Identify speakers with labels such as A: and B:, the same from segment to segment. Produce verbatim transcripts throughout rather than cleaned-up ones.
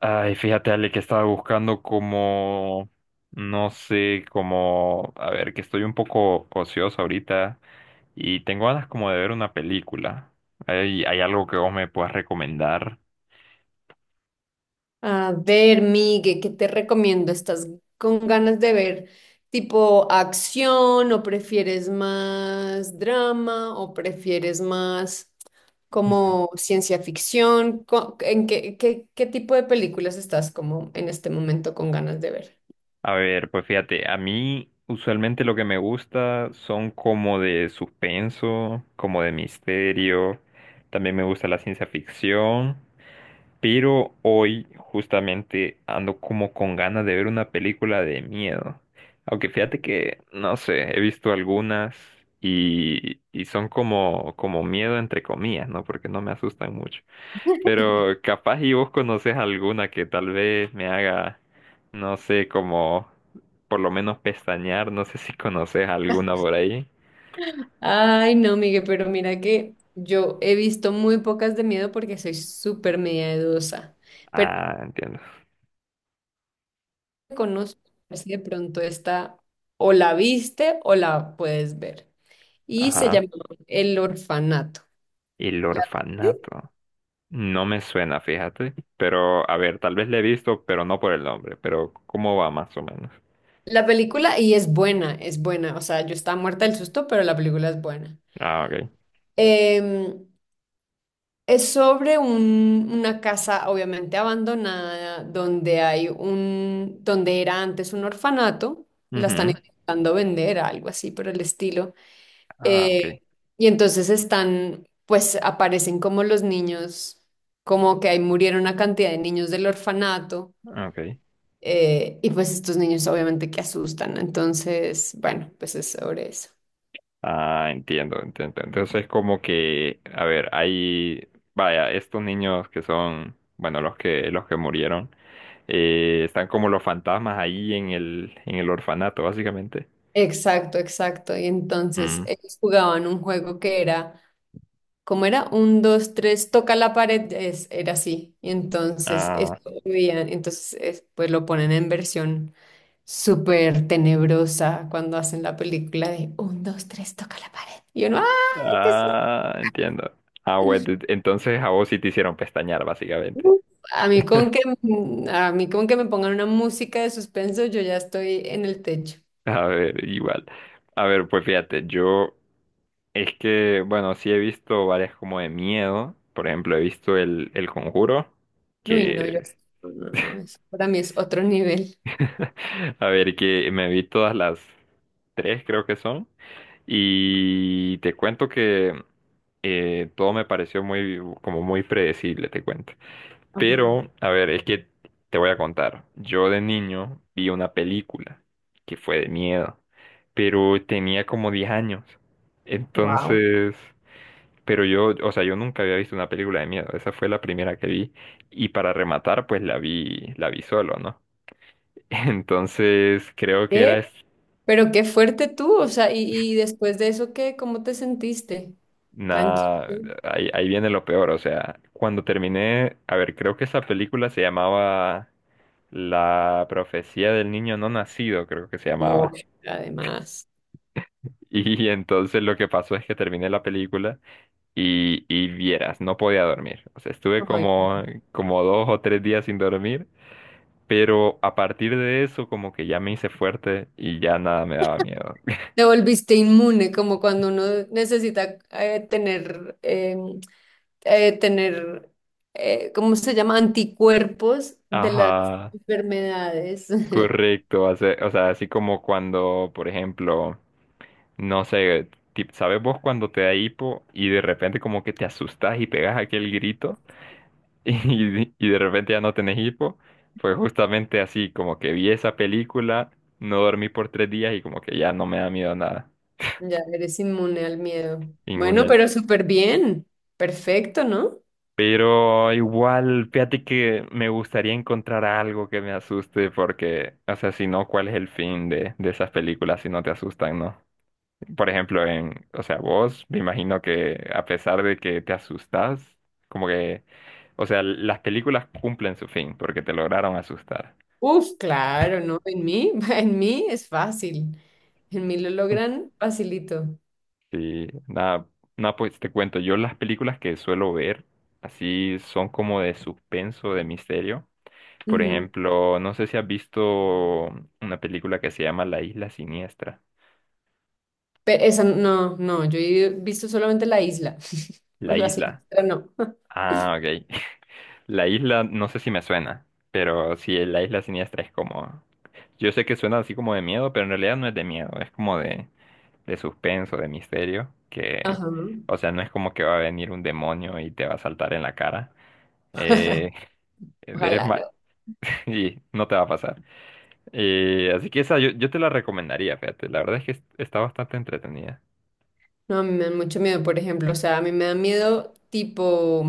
A: Ay, fíjate, Ale, que estaba buscando como, no sé, como, a ver, que estoy un poco ocioso ahorita y tengo ganas como de ver una película. ¿Hay, hay algo que vos me puedas recomendar?
B: A ver, Migue, ¿qué te recomiendo? ¿Estás con ganas de ver tipo acción o prefieres más drama o prefieres más como ciencia ficción? Co- ¿En qué, qué, qué tipo de películas estás como en este momento con ganas de ver?
A: A ver, pues fíjate, a mí usualmente lo que me gusta son como de suspenso, como de misterio, también me gusta la ciencia ficción. Pero hoy justamente ando como con ganas de ver una película de miedo. Aunque fíjate que, no sé, he visto algunas y, y son como, como miedo entre comillas, ¿no? Porque no me asustan mucho. Pero capaz y vos conoces alguna que tal vez me haga, no sé, como por lo menos pestañear. No sé si conoces alguna por ahí.
B: Ay, no, Migue, pero mira que yo he visto muy pocas de miedo porque soy súper miedosa, pero
A: Ah, entiendo.
B: conozco, a ver si de pronto esta o la viste o la puedes ver, y se
A: Ajá.
B: llama El Orfanato.
A: El
B: La, ¿sí?
A: orfanato. No me suena, fíjate. Pero, a ver, tal vez le he visto, pero no por el nombre. Pero, ¿cómo va más o menos?
B: La película, y es buena, es buena. O sea, yo estaba muerta del susto, pero la película es buena.
A: Ah, ok.
B: Em, es sobre un- una casa obviamente abandonada, donde hay un, donde era antes un orfanato, la están
A: Ujú.
B: intentando vender, algo así por el estilo.
A: Ah, ok.
B: Eh,
A: Eh,
B: y entonces están, pues aparecen como los niños, como que ahí murieron una cantidad de niños del orfanato.
A: Ok.
B: Eh, y pues estos niños obviamente que asustan, entonces, bueno, pues es sobre eso.
A: Ah, entiendo, entiendo. Entonces, como que, a ver, hay, vaya, estos niños que son, bueno, los que, los que murieron, eh, están como los fantasmas ahí en el, en el orfanato, básicamente.
B: Exacto, exacto. Y entonces
A: Mm.
B: ellos jugaban un juego que era, ¿cómo era? Un, dos, tres, toca la pared, es, era así. Y entonces
A: Ah,
B: esto lo veían, entonces es- pues lo ponen en versión súper tenebrosa cuando hacen la película de un, dos, tres, toca la pared. Y uno, ¡ah! ¿Qué es esto?".
A: ah, entiendo. Ah, bueno, entonces a vos sí te hicieron pestañear, básicamente.
B: Uf. A mí con que, a mí con que me pongan una música de suspenso, yo ya estoy en el techo.
A: A ver, igual. A ver, pues fíjate, yo es que, bueno, sí he visto varias como de miedo. Por ejemplo, he visto el, el Conjuro,
B: Uy, no, yo
A: que,
B: no, no, no, eso para mí es otro nivel.
A: a ver, que me vi todas las tres, creo que son. Y te cuento que eh, todo me pareció muy, como muy predecible, te cuento.
B: Ajá.
A: Pero, a ver, es que te voy a contar. Yo de niño vi una película que fue de miedo, pero tenía como diez años.
B: Wow.
A: Entonces, pero yo, o sea, yo nunca había visto una película de miedo. Esa fue la primera que vi. Y para rematar, pues la vi, la vi solo, ¿no? Entonces, creo que
B: ¿Qué?
A: era es-
B: Pero qué fuerte tú, o sea, y, y después de eso, ¿qué? ¿Cómo te sentiste? Tranquilo.
A: nada, ahí, ahí viene lo peor. O sea, cuando terminé, a ver, creo que esa película se llamaba La profecía del niño no nacido, creo que se llamaba.
B: Uy, además.
A: Y entonces lo que pasó es que terminé la película y, y vieras, no podía dormir. O sea, estuve
B: Ay,
A: como, como dos o tres días sin dormir, pero a partir de eso como que ya me hice fuerte y ya nada me daba miedo.
B: te volviste inmune, como cuando uno necesita eh, tener, eh, eh, tener, eh, ¿cómo se llama? Anticuerpos de las
A: Ajá,
B: enfermedades.
A: correcto. O sea, o sea, así como cuando, por ejemplo, no sé, tip- ¿sabes vos cuando te da hipo y de repente como que te asustas y pegas aquel grito? y, y de repente ya no tenés hipo, pues justamente así, como que vi esa película, no dormí por tres días y como que ya no me da miedo nada,
B: Ya eres inmune al miedo.
A: ningún
B: Bueno,
A: él.
B: pero súper bien. Perfecto, ¿no?
A: Pero igual, fíjate que me gustaría encontrar algo que me asuste porque, o sea, si no, ¿cuál es el fin de, de esas películas si no te asustan, no? Por ejemplo, en, o sea, vos, me imagino que a pesar de que te asustas, como que, o sea, las películas cumplen su fin porque te lograron asustar.
B: Uf, claro, ¿no? En mí, en mí es fácil. En mí lo logran facilito.
A: Sí, nada, nada, pues te cuento, yo las películas que suelo ver así son como de suspenso, de misterio. Por
B: Ujú.
A: ejemplo, no sé si has visto una película que se llama La Isla Siniestra.
B: Pero esa no, no, yo he visto solamente la isla.
A: La
B: Pues la
A: Isla.
B: siniestra no.
A: Ah, ok. La Isla, no sé si me suena, pero sí, La Isla Siniestra es como... Yo sé que suena así como de miedo, pero en realidad no es de miedo, es como de, de suspenso, de misterio, que...
B: Ajá.
A: O sea, no es como que va a venir un demonio y te va a saltar en la cara. Eh, Es
B: Ojalá
A: ma-
B: no.
A: y no te va a pasar. Eh, así que esa yo, yo te la recomendaría, fíjate. La verdad es que es- está bastante entretenida.
B: No, a mí me dan mucho miedo, por ejemplo. O sea, a mí me da miedo tipo,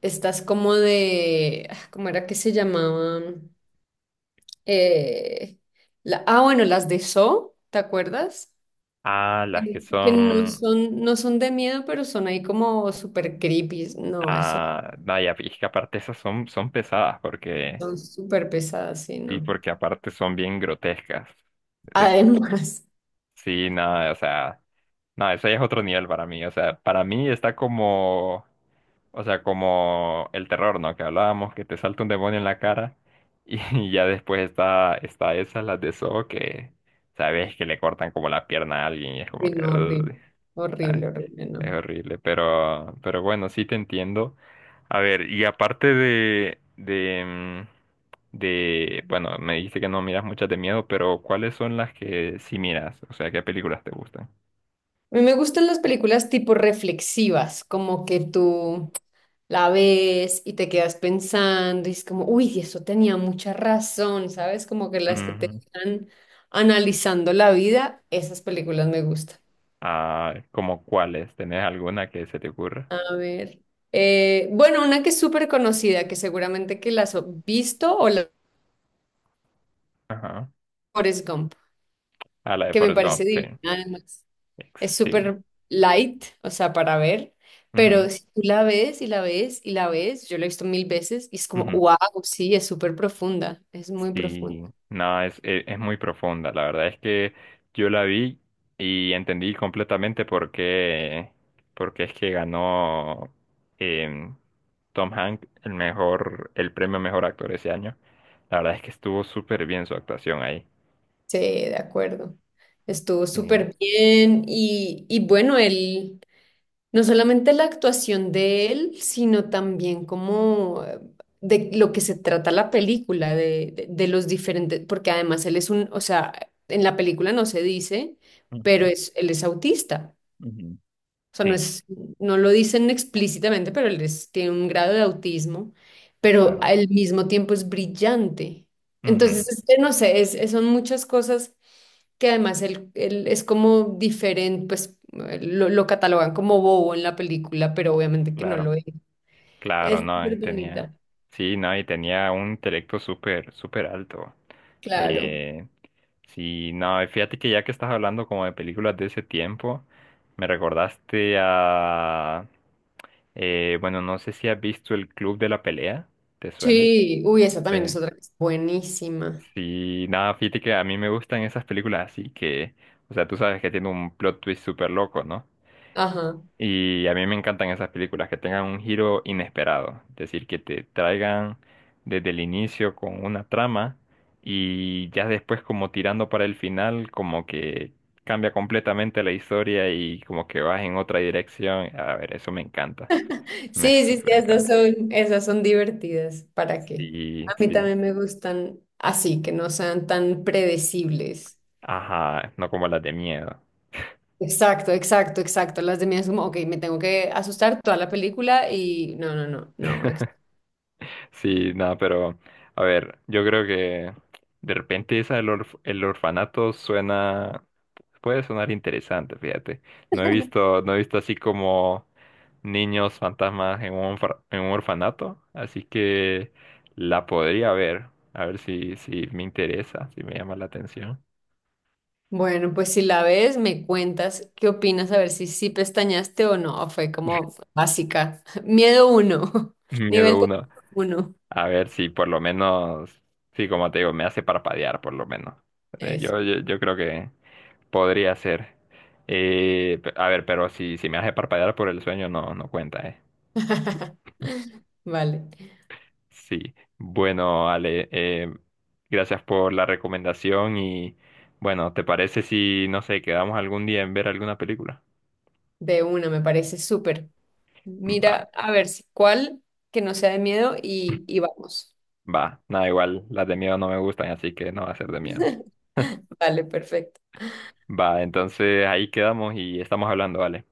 B: estás como de, ah, ¿cómo era que se llamaban? Eh, la, ah, bueno, las de Saw, ¿te acuerdas?
A: Ah, las que
B: Eh, que no
A: son...
B: son, no son de miedo, pero son ahí como súper creepy. No, eso
A: Ah, vaya, y es que aparte esas son, son pesadas porque...
B: son súper pesadas, sí,
A: Y
B: no.
A: porque aparte son bien grotescas.
B: Además,
A: Sí, no, o sea, no, ese es otro nivel para mí. O sea, para mí está como, o sea, como el terror, ¿no? Que hablábamos, que te salta un demonio en la cara y, ya después está, está esa, las de Saw, que sabes que le cortan como la pierna a alguien y es como
B: sí,
A: que...
B: no, horrible,
A: "Uy".
B: horrible, horrible,
A: Es
B: no.
A: horrible, pero, pero bueno, sí te entiendo. A ver, y aparte de, de, mm, de, bueno, me dijiste que no miras muchas de miedo, pero ¿cuáles son las que sí miras? O sea, ¿qué películas te gustan?
B: A mí me gustan las películas tipo reflexivas, como que tú la ves y te quedas pensando y es como, uy, eso tenía mucha razón, ¿sabes? Como que las que te
A: Ujú.
B: están analizando la vida, esas películas me gustan.
A: Ah, ¿como cuáles? ¿Tenés alguna que se te ocurra?
B: A ver. Eh, bueno, una que es súper conocida, que seguramente que la has visto, o la
A: Ajá.
B: Forrest Gump,
A: Ah, la de
B: que me
A: Forrest Gump,
B: parece
A: sí.
B: divina además.
A: Ex-
B: Es
A: Sí.
B: súper light, o sea, para ver,
A: Ujú,
B: pero si tú la ves y la ves y la ves, yo la he visto mil veces y es como,
A: ujú.
B: wow, sí, es súper profunda, es muy profunda.
A: Sí, no, es, e- es muy profunda. La verdad es que yo la vi y entendí completamente por qué, por qué es que ganó em, Tom Hanks el mejor, el premio mejor actor ese año. La verdad es que estuvo súper bien su actuación ahí.
B: Sí, de acuerdo. Estuvo
A: Sí.
B: súper bien y, y bueno, él... No solamente la actuación de él, sino también como eh, de lo que se trata la película, de, de- de los diferentes, porque además él es un, o sea, en la película no se dice, pero
A: Ujú,
B: es, él es autista.
A: ujú.
B: O sea, no
A: Sí,
B: es, no lo dicen explícitamente, pero él es- tiene un grado de autismo, pero
A: claro.
B: al mismo tiempo es brillante.
A: Ujú,
B: Entonces, este, no sé, es, son muchas cosas que además él, él es como diferente, pues eh, lo, lo catalogan como bobo en la película, pero obviamente que no
A: claro.
B: lo es.
A: Claro,
B: Es
A: no, y
B: súper
A: tenía,
B: bonita,
A: sí, no, y tenía un intelecto súper, súper alto.
B: claro.
A: Eh, sí, no, y fíjate que ya que estás hablando como de películas de ese tiempo, me recordaste a, eh, bueno, no sé si has visto El Club de la Pelea, ¿te suena?
B: Sí, uy, esa también es
A: Eh,
B: otra que es buenísima.
A: sí, nada, fíjate que a mí me gustan esas películas así que, o sea, tú sabes que tiene un plot twist súper loco, ¿no?
B: Ajá.
A: Y a mí me encantan esas películas que tengan un giro inesperado, es decir, que te traigan desde el inicio con una trama y ya después como tirando para el final, como que cambia completamente la historia y como que vas en otra dirección. A ver, eso me encanta, me
B: Sí, sí, sí,
A: súper
B: esas
A: encanta.
B: son, esas son divertidas. ¿Para qué?
A: Sí,
B: A mí
A: sí.
B: también me gustan así, que no sean tan predecibles.
A: Ajá, no como las de miedo.
B: Exacto, exacto, exacto. Las de mí es como, ok, me tengo que asustar toda la película y no, no, no, no.
A: Sí, nada, pero a ver, yo creo que de repente esa del orf- el orfanato suena, puede sonar interesante, fíjate. No he visto, no he visto así como niños fantasmas en un, orfa- en un orfanato, así que la podría ver, a ver si, si me interesa, si me llama la atención.
B: Bueno, pues si la ves, me cuentas qué opinas, a ver si sí pestañaste o no. Fue como básica. Miedo uno, nivel
A: Miedo
B: de
A: uno,
B: uno.
A: a ver si por lo menos, sí, como te digo, me hace parpadear por lo menos. Eh,
B: Eso.
A: Yo, yo, yo creo que podría ser. Eh, pe- a ver, pero si, si me hace parpadear por el sueño, no, no cuenta, ¿eh?
B: Vale,
A: Sí. Bueno, Ale, eh, gracias por la recomendación y bueno, ¿te parece si, no sé, quedamos algún día en ver alguna película?
B: de una, me parece súper.
A: Va,
B: Mira, a ver si cuál que no sea de miedo y, y vamos.
A: va. Nada, igual, las de miedo no me gustan, así que no va a ser de miedo.
B: Vale, perfecto.
A: Va, entonces ahí quedamos y estamos hablando, vale.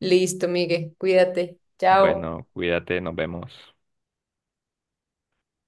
B: Listo, Miguel, cuídate. Chao.
A: Bueno, cuídate, nos vemos.